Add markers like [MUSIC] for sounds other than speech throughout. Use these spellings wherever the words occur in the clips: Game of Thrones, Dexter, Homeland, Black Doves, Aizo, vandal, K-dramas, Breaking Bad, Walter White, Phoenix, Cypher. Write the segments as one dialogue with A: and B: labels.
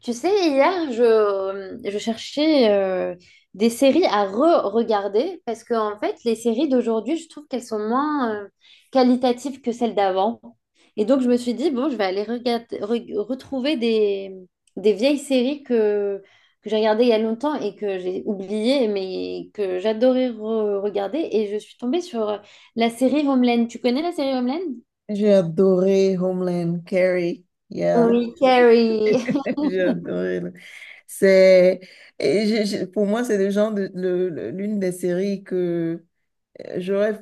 A: Tu sais, hier, je cherchais des séries à re-regarder parce que, en fait, les séries d'aujourd'hui, je trouve qu'elles sont moins qualitatives que celles d'avant. Et donc, je me suis dit, bon, je vais aller regarder, retrouver des vieilles séries que j'ai regardées il y a longtemps et que j'ai oubliées, mais que j'adorais regarder. Et je suis tombée sur la série Homeland. Tu connais la série Homeland?
B: J'ai adoré Homeland, Carrie. Yeah,
A: Oui, Carrie. [LAUGHS]
B: [LAUGHS] j'ai adoré. Là. C'est, pour moi, c'est le genre de, l'une des séries que, j'aurais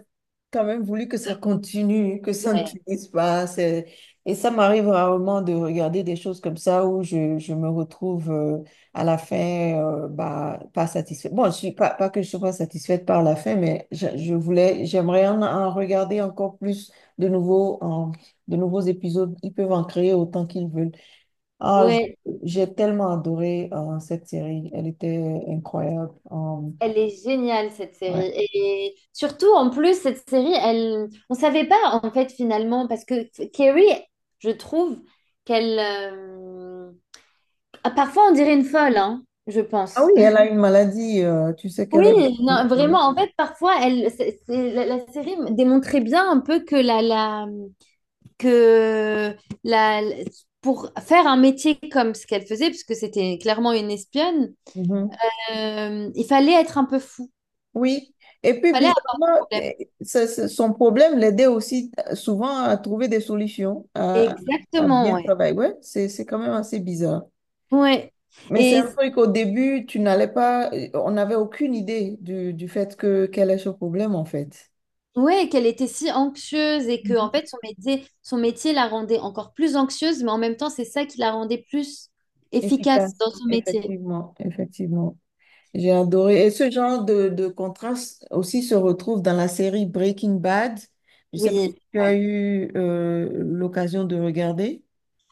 B: quand même voulu que ça continue, que ça ne
A: Ouais.
B: finisse pas. C'est- Et ça m'arrive rarement de regarder des choses comme ça où je me retrouve à la fin bah, pas satisfaite. Bon, je suis pas, pas que je sois pas satisfaite par la fin, mais je voulais, j'aimerais en regarder encore plus de nouveaux, en- de nouveaux épisodes. Ils peuvent en créer autant qu'ils veulent. Ah, j-
A: Ouais,
B: j'ai tellement adoré cette série. Elle était incroyable.
A: elle est géniale cette
B: Ouais.
A: série. Et surtout en plus cette série, elle on ne savait pas en fait finalement, parce que Carrie, je trouve qu'elle ah, parfois on dirait une folle hein, je
B: Ah
A: pense.
B: oui, elle
A: [LAUGHS]
B: a une maladie, tu sais
A: Oui,
B: qu'elle est...
A: non,
B: Mhm.
A: vraiment en fait parfois elle la série démontrait bien un peu que la la que la pour faire un métier comme ce qu'elle faisait, parce que c'était clairement une espionne,
B: Mhm.
A: il fallait être un peu fou.
B: Oui, et puis
A: Il fallait un
B: bizarrement, que-
A: problème.
B: son problème l'aidait aussi souvent à trouver des solutions, à
A: Exactement,
B: bien
A: ouais.
B: travailler. Ouais, c'est quand même assez bizarre.
A: Ouais.
B: Mais c'est
A: Et
B: un truc qu'au début, tu n'allais pas, on n'avait aucune idée du fait que quel est ce problème en fait.
A: ouais, qu'elle était si anxieuse et que
B: Mhm.
A: en fait son métier la rendait encore plus anxieuse, mais en même temps, c'est ça qui la rendait plus efficace
B: Efficace,
A: dans son métier.
B: effectivement, effectivement. J'ai adoré. Et ce genre de contraste aussi se retrouve dans la série Breaking Bad. Je sais
A: Oui.
B: pas si tu as
A: Ouais.
B: eu l'occasion de regarder.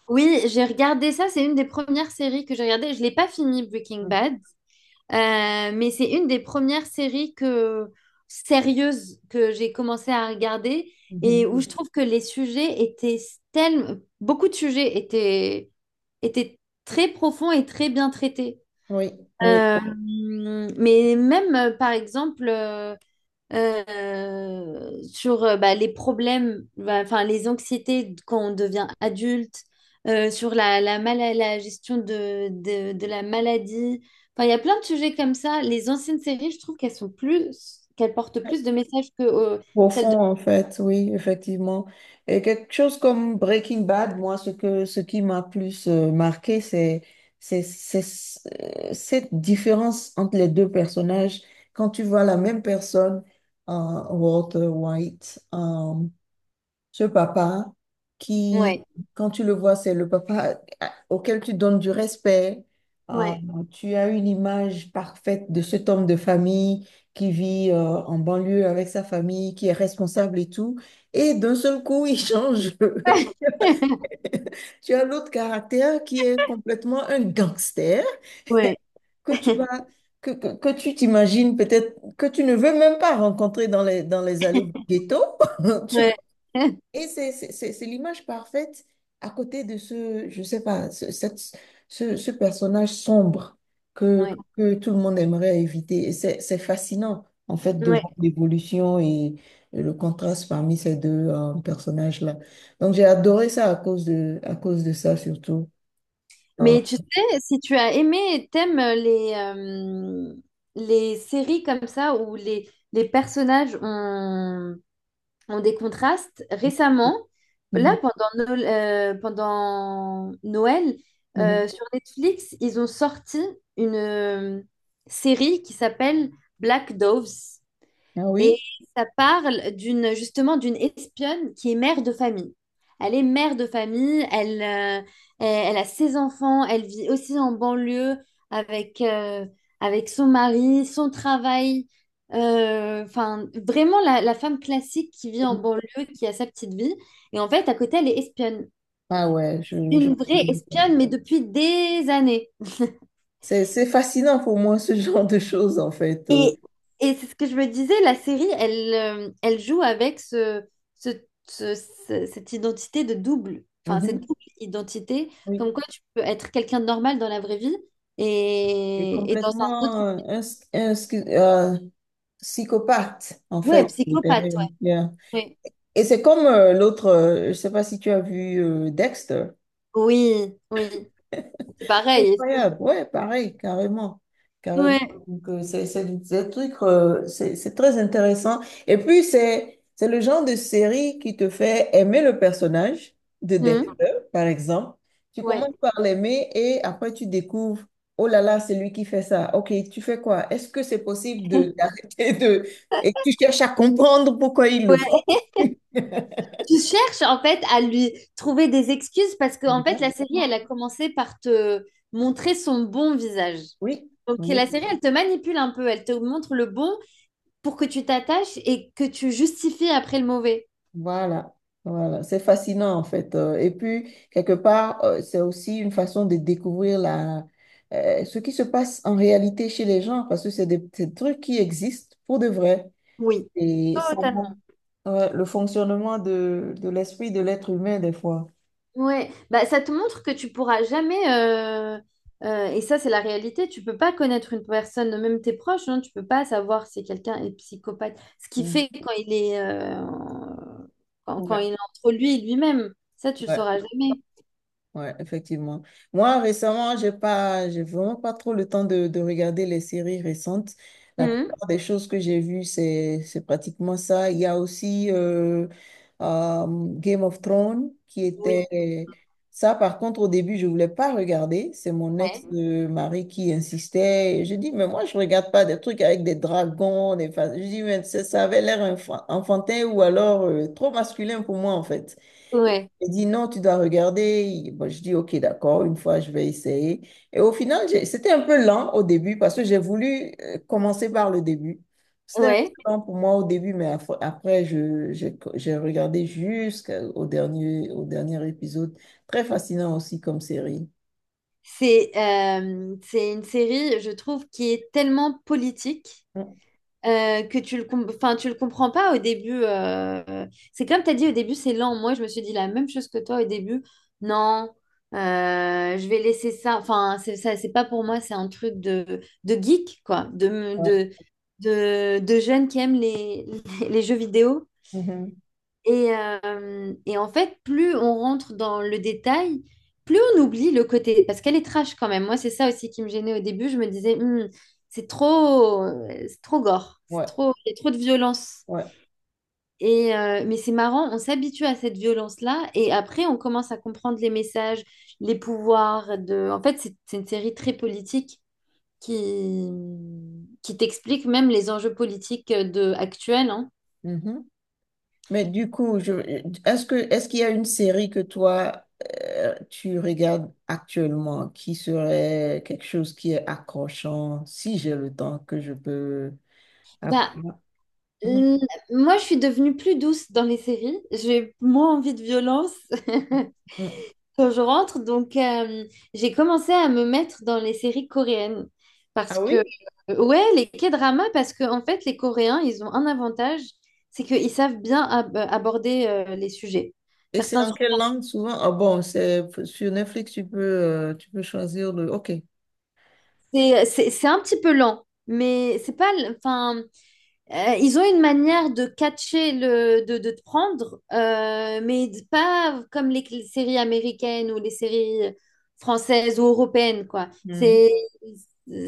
A: Oui, j'ai regardé ça, c'est une des premières séries que j'ai regardées. Je l'ai pas fini Breaking
B: Mm.
A: Bad, mais c'est une des premières séries que sérieuses que j'ai commencé à regarder,
B: Mhm.
A: et où je trouve que les sujets étaient, tellement beaucoup de sujets étaient très profonds et très bien traités.
B: Oui, oui.
A: Euh, mais même, par exemple, sur bah, les problèmes, bah, enfin les anxiétés quand on devient adulte, sur la gestion de, de la maladie, enfin il y a plein de sujets comme ça. Les anciennes séries, je trouve qu'elles sont plus, qu'elles portent plus de messages que celles de...
B: Profond, en fait, oui, effectivement. Et quelque chose comme Breaking Bad, moi, ce qui m'a plus marqué, c'est ce- cette différence entre les deux personnages. Quand tu vois la même personne, Walter White, ce papa qui,
A: Ouais,
B: quand tu le vois, c'est le papa auquel tu donnes du respect. Ah,
A: ouais,
B: tu as une image parfaite de cet homme de famille qui vit en banlieue avec sa famille, qui est responsable et tout. Et d'un seul coup, il change. [LAUGHS]
A: [LAUGHS]
B: Tu as l'autre caractère qui est complètement un gangster
A: ouais,
B: que tu
A: [LAUGHS]
B: vas, que tu t'imagines peut-être, que tu ne veux même pas rencontrer dans les allées du ghetto. [LAUGHS]
A: ouais, [LAUGHS]
B: Et c'est l'image parfaite à côté de ce, je sais pas, ce personnage sombre que,
A: ouais,
B: que tout le monde aimerait éviter. Et c'est fascinant, en fait, de
A: ouais.
B: voir l'évolution et le contraste parmi ces deux personnages-là. Donc, j'ai adoré ça à cause de ça, surtout. Ah,
A: Mais tu sais, si tu as aimé et t'aimes les séries comme ça où les personnages ont des contrastes, récemment,
B: mhm,
A: pendant Noël
B: mhm.
A: sur Netflix, ils ont sorti une série qui s'appelle Black Doves.
B: Ah
A: Et
B: oui?
A: ça parle d'une, justement d'une espionne qui est mère de famille. Elle est mère de famille, elle, elle a ses enfants, elle vit aussi en banlieue avec, euh, avec son mari, son travail. Enfin, vraiment la femme classique qui vit en banlieue, qui a sa petite vie. Et en fait, à côté, elle est espionne.
B: Ah ouais, je...
A: Une vraie espionne, mais depuis des années.
B: C'est fascinant pour moi, ce [LAUGHS] genre de choses, en fait.
A: Et, et c'est ce que je me disais, la série, elle joue avec ce- ce- cette identité de double, enfin cette
B: Mhm.
A: double identité,
B: Oui.
A: comme quoi tu peux être quelqu'un de normal dans la vraie vie
B: J'ai
A: et dans un autre...
B: complètement un, psychopathe, en
A: Ouais,
B: fait. Je
A: psychopathe,
B: dirais. Yeah.
A: ouais. Ouais.
B: Et c'est comme l'autre, je ne sais pas si tu as vu Dexter.
A: Oui, oui, c'est pareil.
B: Incroyable, ouais, pareil, carrément, carrément.
A: Ouais.
B: Donc, c'est des trucs, c'est très intéressant. Et puis, c'est le genre de série qui te fait aimer le personnage de
A: Hum,
B: Dexter, par exemple. Tu
A: ouais.
B: commences par l'aimer et après, tu découvres, oh là là, c'est lui qui fait ça. Ok, tu fais quoi? Est-ce que c'est possible de [LAUGHS]
A: [LAUGHS]
B: d'arrêter de... Et tu cherches à comprendre pourquoi il le fait.
A: Tu cherches en fait à lui trouver des excuses, parce que en fait la série elle
B: Exactement.
A: a commencé par te montrer son bon visage.
B: Oui,
A: Donc la
B: oui.
A: série elle te manipule un peu, elle te montre le bon pour que tu t'attaches et que tu justifies après le mauvais.
B: Voilà, voilà, c'est fascinant en fait. Et puis, quelque part, c'est aussi une façon de découvrir la, ce qui se passe en réalité chez les gens, parce que c'est des trucs qui existent pour de vrai.
A: Oui,
B: Et ça montre,
A: totalement.
B: ouais, le fonctionnement de l'esprit de l'être humain des fois.
A: Ouais, bah, ça te montre que tu pourras jamais, et ça c'est la réalité, tu peux pas connaître une personne, même tes proches, hein, tu peux pas savoir si quelqu'un est psychopathe. Ce qui
B: Mm.
A: fait quand il est, quand
B: Ouais,
A: il est entre lui et lui-même, ça tu le sauras
B: ouais.
A: jamais.
B: Ouais, effectivement. Moi, récemment, j'ai vraiment pas trop le temps de regarder les séries récentes. La
A: Mhm.
B: plupart des choses que j'ai vues, c'est pratiquement ça. Il y a aussi euh, Game of Thrones qui
A: Oui,
B: était... Ça, par contre, au début, je voulais pas regarder. C'est mon
A: ouais,
B: ex-mari qui insistait. Et je dis, mais moi, je regarde pas des trucs avec des dragons, des... fa- Je dis, mais ça avait l'air enfan- enfantin ou alors trop masculin pour moi, en fait.
A: ouais,
B: Il dit non, tu dois regarder. Il- Bon, je dis ok, d'accord, une fois je vais essayer. Et au final, j'ai- c'était un peu lent au début parce que j'ai voulu commencer par le début. C'était un
A: ouais.
B: peu lent pour moi au début, mais af- après, j'ai regardé jusqu'au dernier, au dernier épisode. Très fascinant aussi comme série.
A: C'est une série, je trouve, qui est tellement politique.
B: Mm,
A: Que tu le, enfin, tu le comprends pas au début. C'est comme tu as dit au début, c'est lent. Moi, je me suis dit la même chose que toi au début. Non, je vais laisser ça. Enfin, c'est ça, c'est pas pour moi, c'est un truc de geek, quoi,
B: ouais.
A: de jeunes qui aiment [LAUGHS] les jeux vidéo.
B: Mhm.
A: Et en fait, plus on rentre dans le détail, plus on oublie le côté, parce qu'elle est trash quand même. Moi, c'est ça aussi qui me gênait au début. Je me disais, hmm, c'est trop gore, c'est
B: Ouais.
A: trop, il y a trop de violence.
B: Ouais.
A: Et mais c'est marrant, on s'habitue à cette violence-là, et après, on commence à comprendre les messages, les pouvoirs de. En fait, c'est une série très politique qui qui t'explique même les enjeux politiques de actuels, hein.
B: Mhm. Mais du coup, je, est-ce qu'il y a une série que toi, tu regardes actuellement qui serait quelque chose qui est accrochant, si j'ai le temps que je peux
A: Bah,
B: apprendre? Mhm.
A: L- moi, je suis devenue plus douce dans les séries. J'ai moins envie de violence [LAUGHS]
B: Mm.
A: quand je rentre. Donc, j'ai commencé à me mettre dans les séries coréennes. Parce
B: Ah
A: que,
B: oui?
A: ouais, les K-dramas, parce que, en fait, les Coréens, ils ont un avantage, c'est qu'ils savent bien aborder les sujets.
B: Et c'est
A: Certains,
B: en quelle langue souvent? Ah bon, c'est sur Netflix, tu peux choisir le... OK.
A: c'est un petit peu lent, mais c'est pas, enfin, ils ont une manière de catcher le, de te prendre, mais pas comme les séries américaines ou les séries françaises ou européennes, quoi.
B: Mm.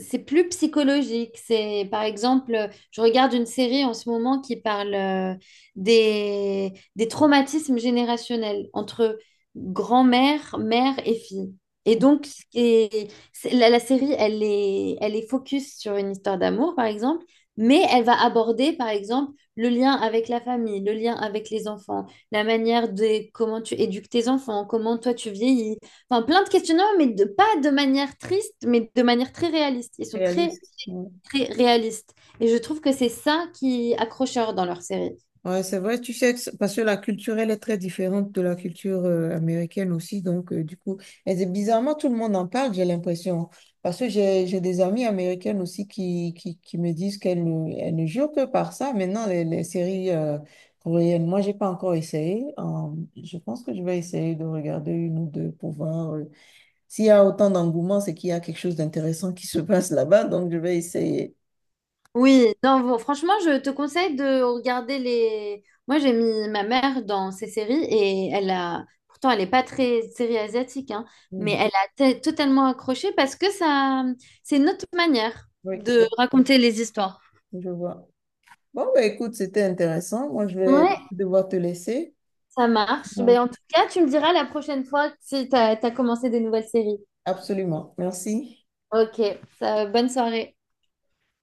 A: C'est plus psychologique. C'est, par exemple, je regarde une série en ce moment qui parle des traumatismes générationnels entre grand-mère, mère et fille. Et donc, la série, elle est focus sur une histoire d'amour, par exemple. Mais elle va aborder, par exemple, le lien avec la famille, le lien avec les enfants, la manière de comment tu éduques tes enfants, comment toi tu vieillis. Enfin, plein de questionnements, mais de, pas de manière triste, mais de manière très réaliste. Ils sont très,
B: Réaliste. Ouais.
A: très réalistes. Et je trouve que c'est ça qui est accrocheur dans leur série.
B: Ouais, c'est vrai, tu sais, que c'est- parce que la culture, elle est très différente de la culture américaine aussi. Donc, du coup, et c'est- bizarrement, tout le monde en parle, j'ai l'impression. Parce que j'ai des amies américaines aussi qui, qui me disent qu'elles ne, elles ne jurent que par ça. Maintenant, les séries coréennes, moi, j'ai pas encore essayé. Je pense que je vais essayer de regarder une ou deux pour voir. Euh, s'il y a autant d'engouement, c'est qu'il y a quelque chose d'intéressant qui se passe là-bas. Donc, je vais essayer.
A: Oui, non, bon, franchement, je te conseille de regarder les. Moi, j'ai mis ma mère dans ces séries et elle a. Pourtant, elle n'est pas très série asiatique, hein, mais
B: Hmm.
A: elle a totalement accroché parce que ça, c'est une autre manière
B: Oui,
A: de raconter les histoires.
B: oui, je vois. Bon, bah, écoute, c'était intéressant. Moi, je vais
A: Ouais,
B: devoir te laisser.
A: ça marche. Mais
B: Donc,
A: en tout cas, tu me diras la prochaine fois si tu as commencé des nouvelles séries.
B: absolument. Merci.
A: Ok, ça- bonne soirée.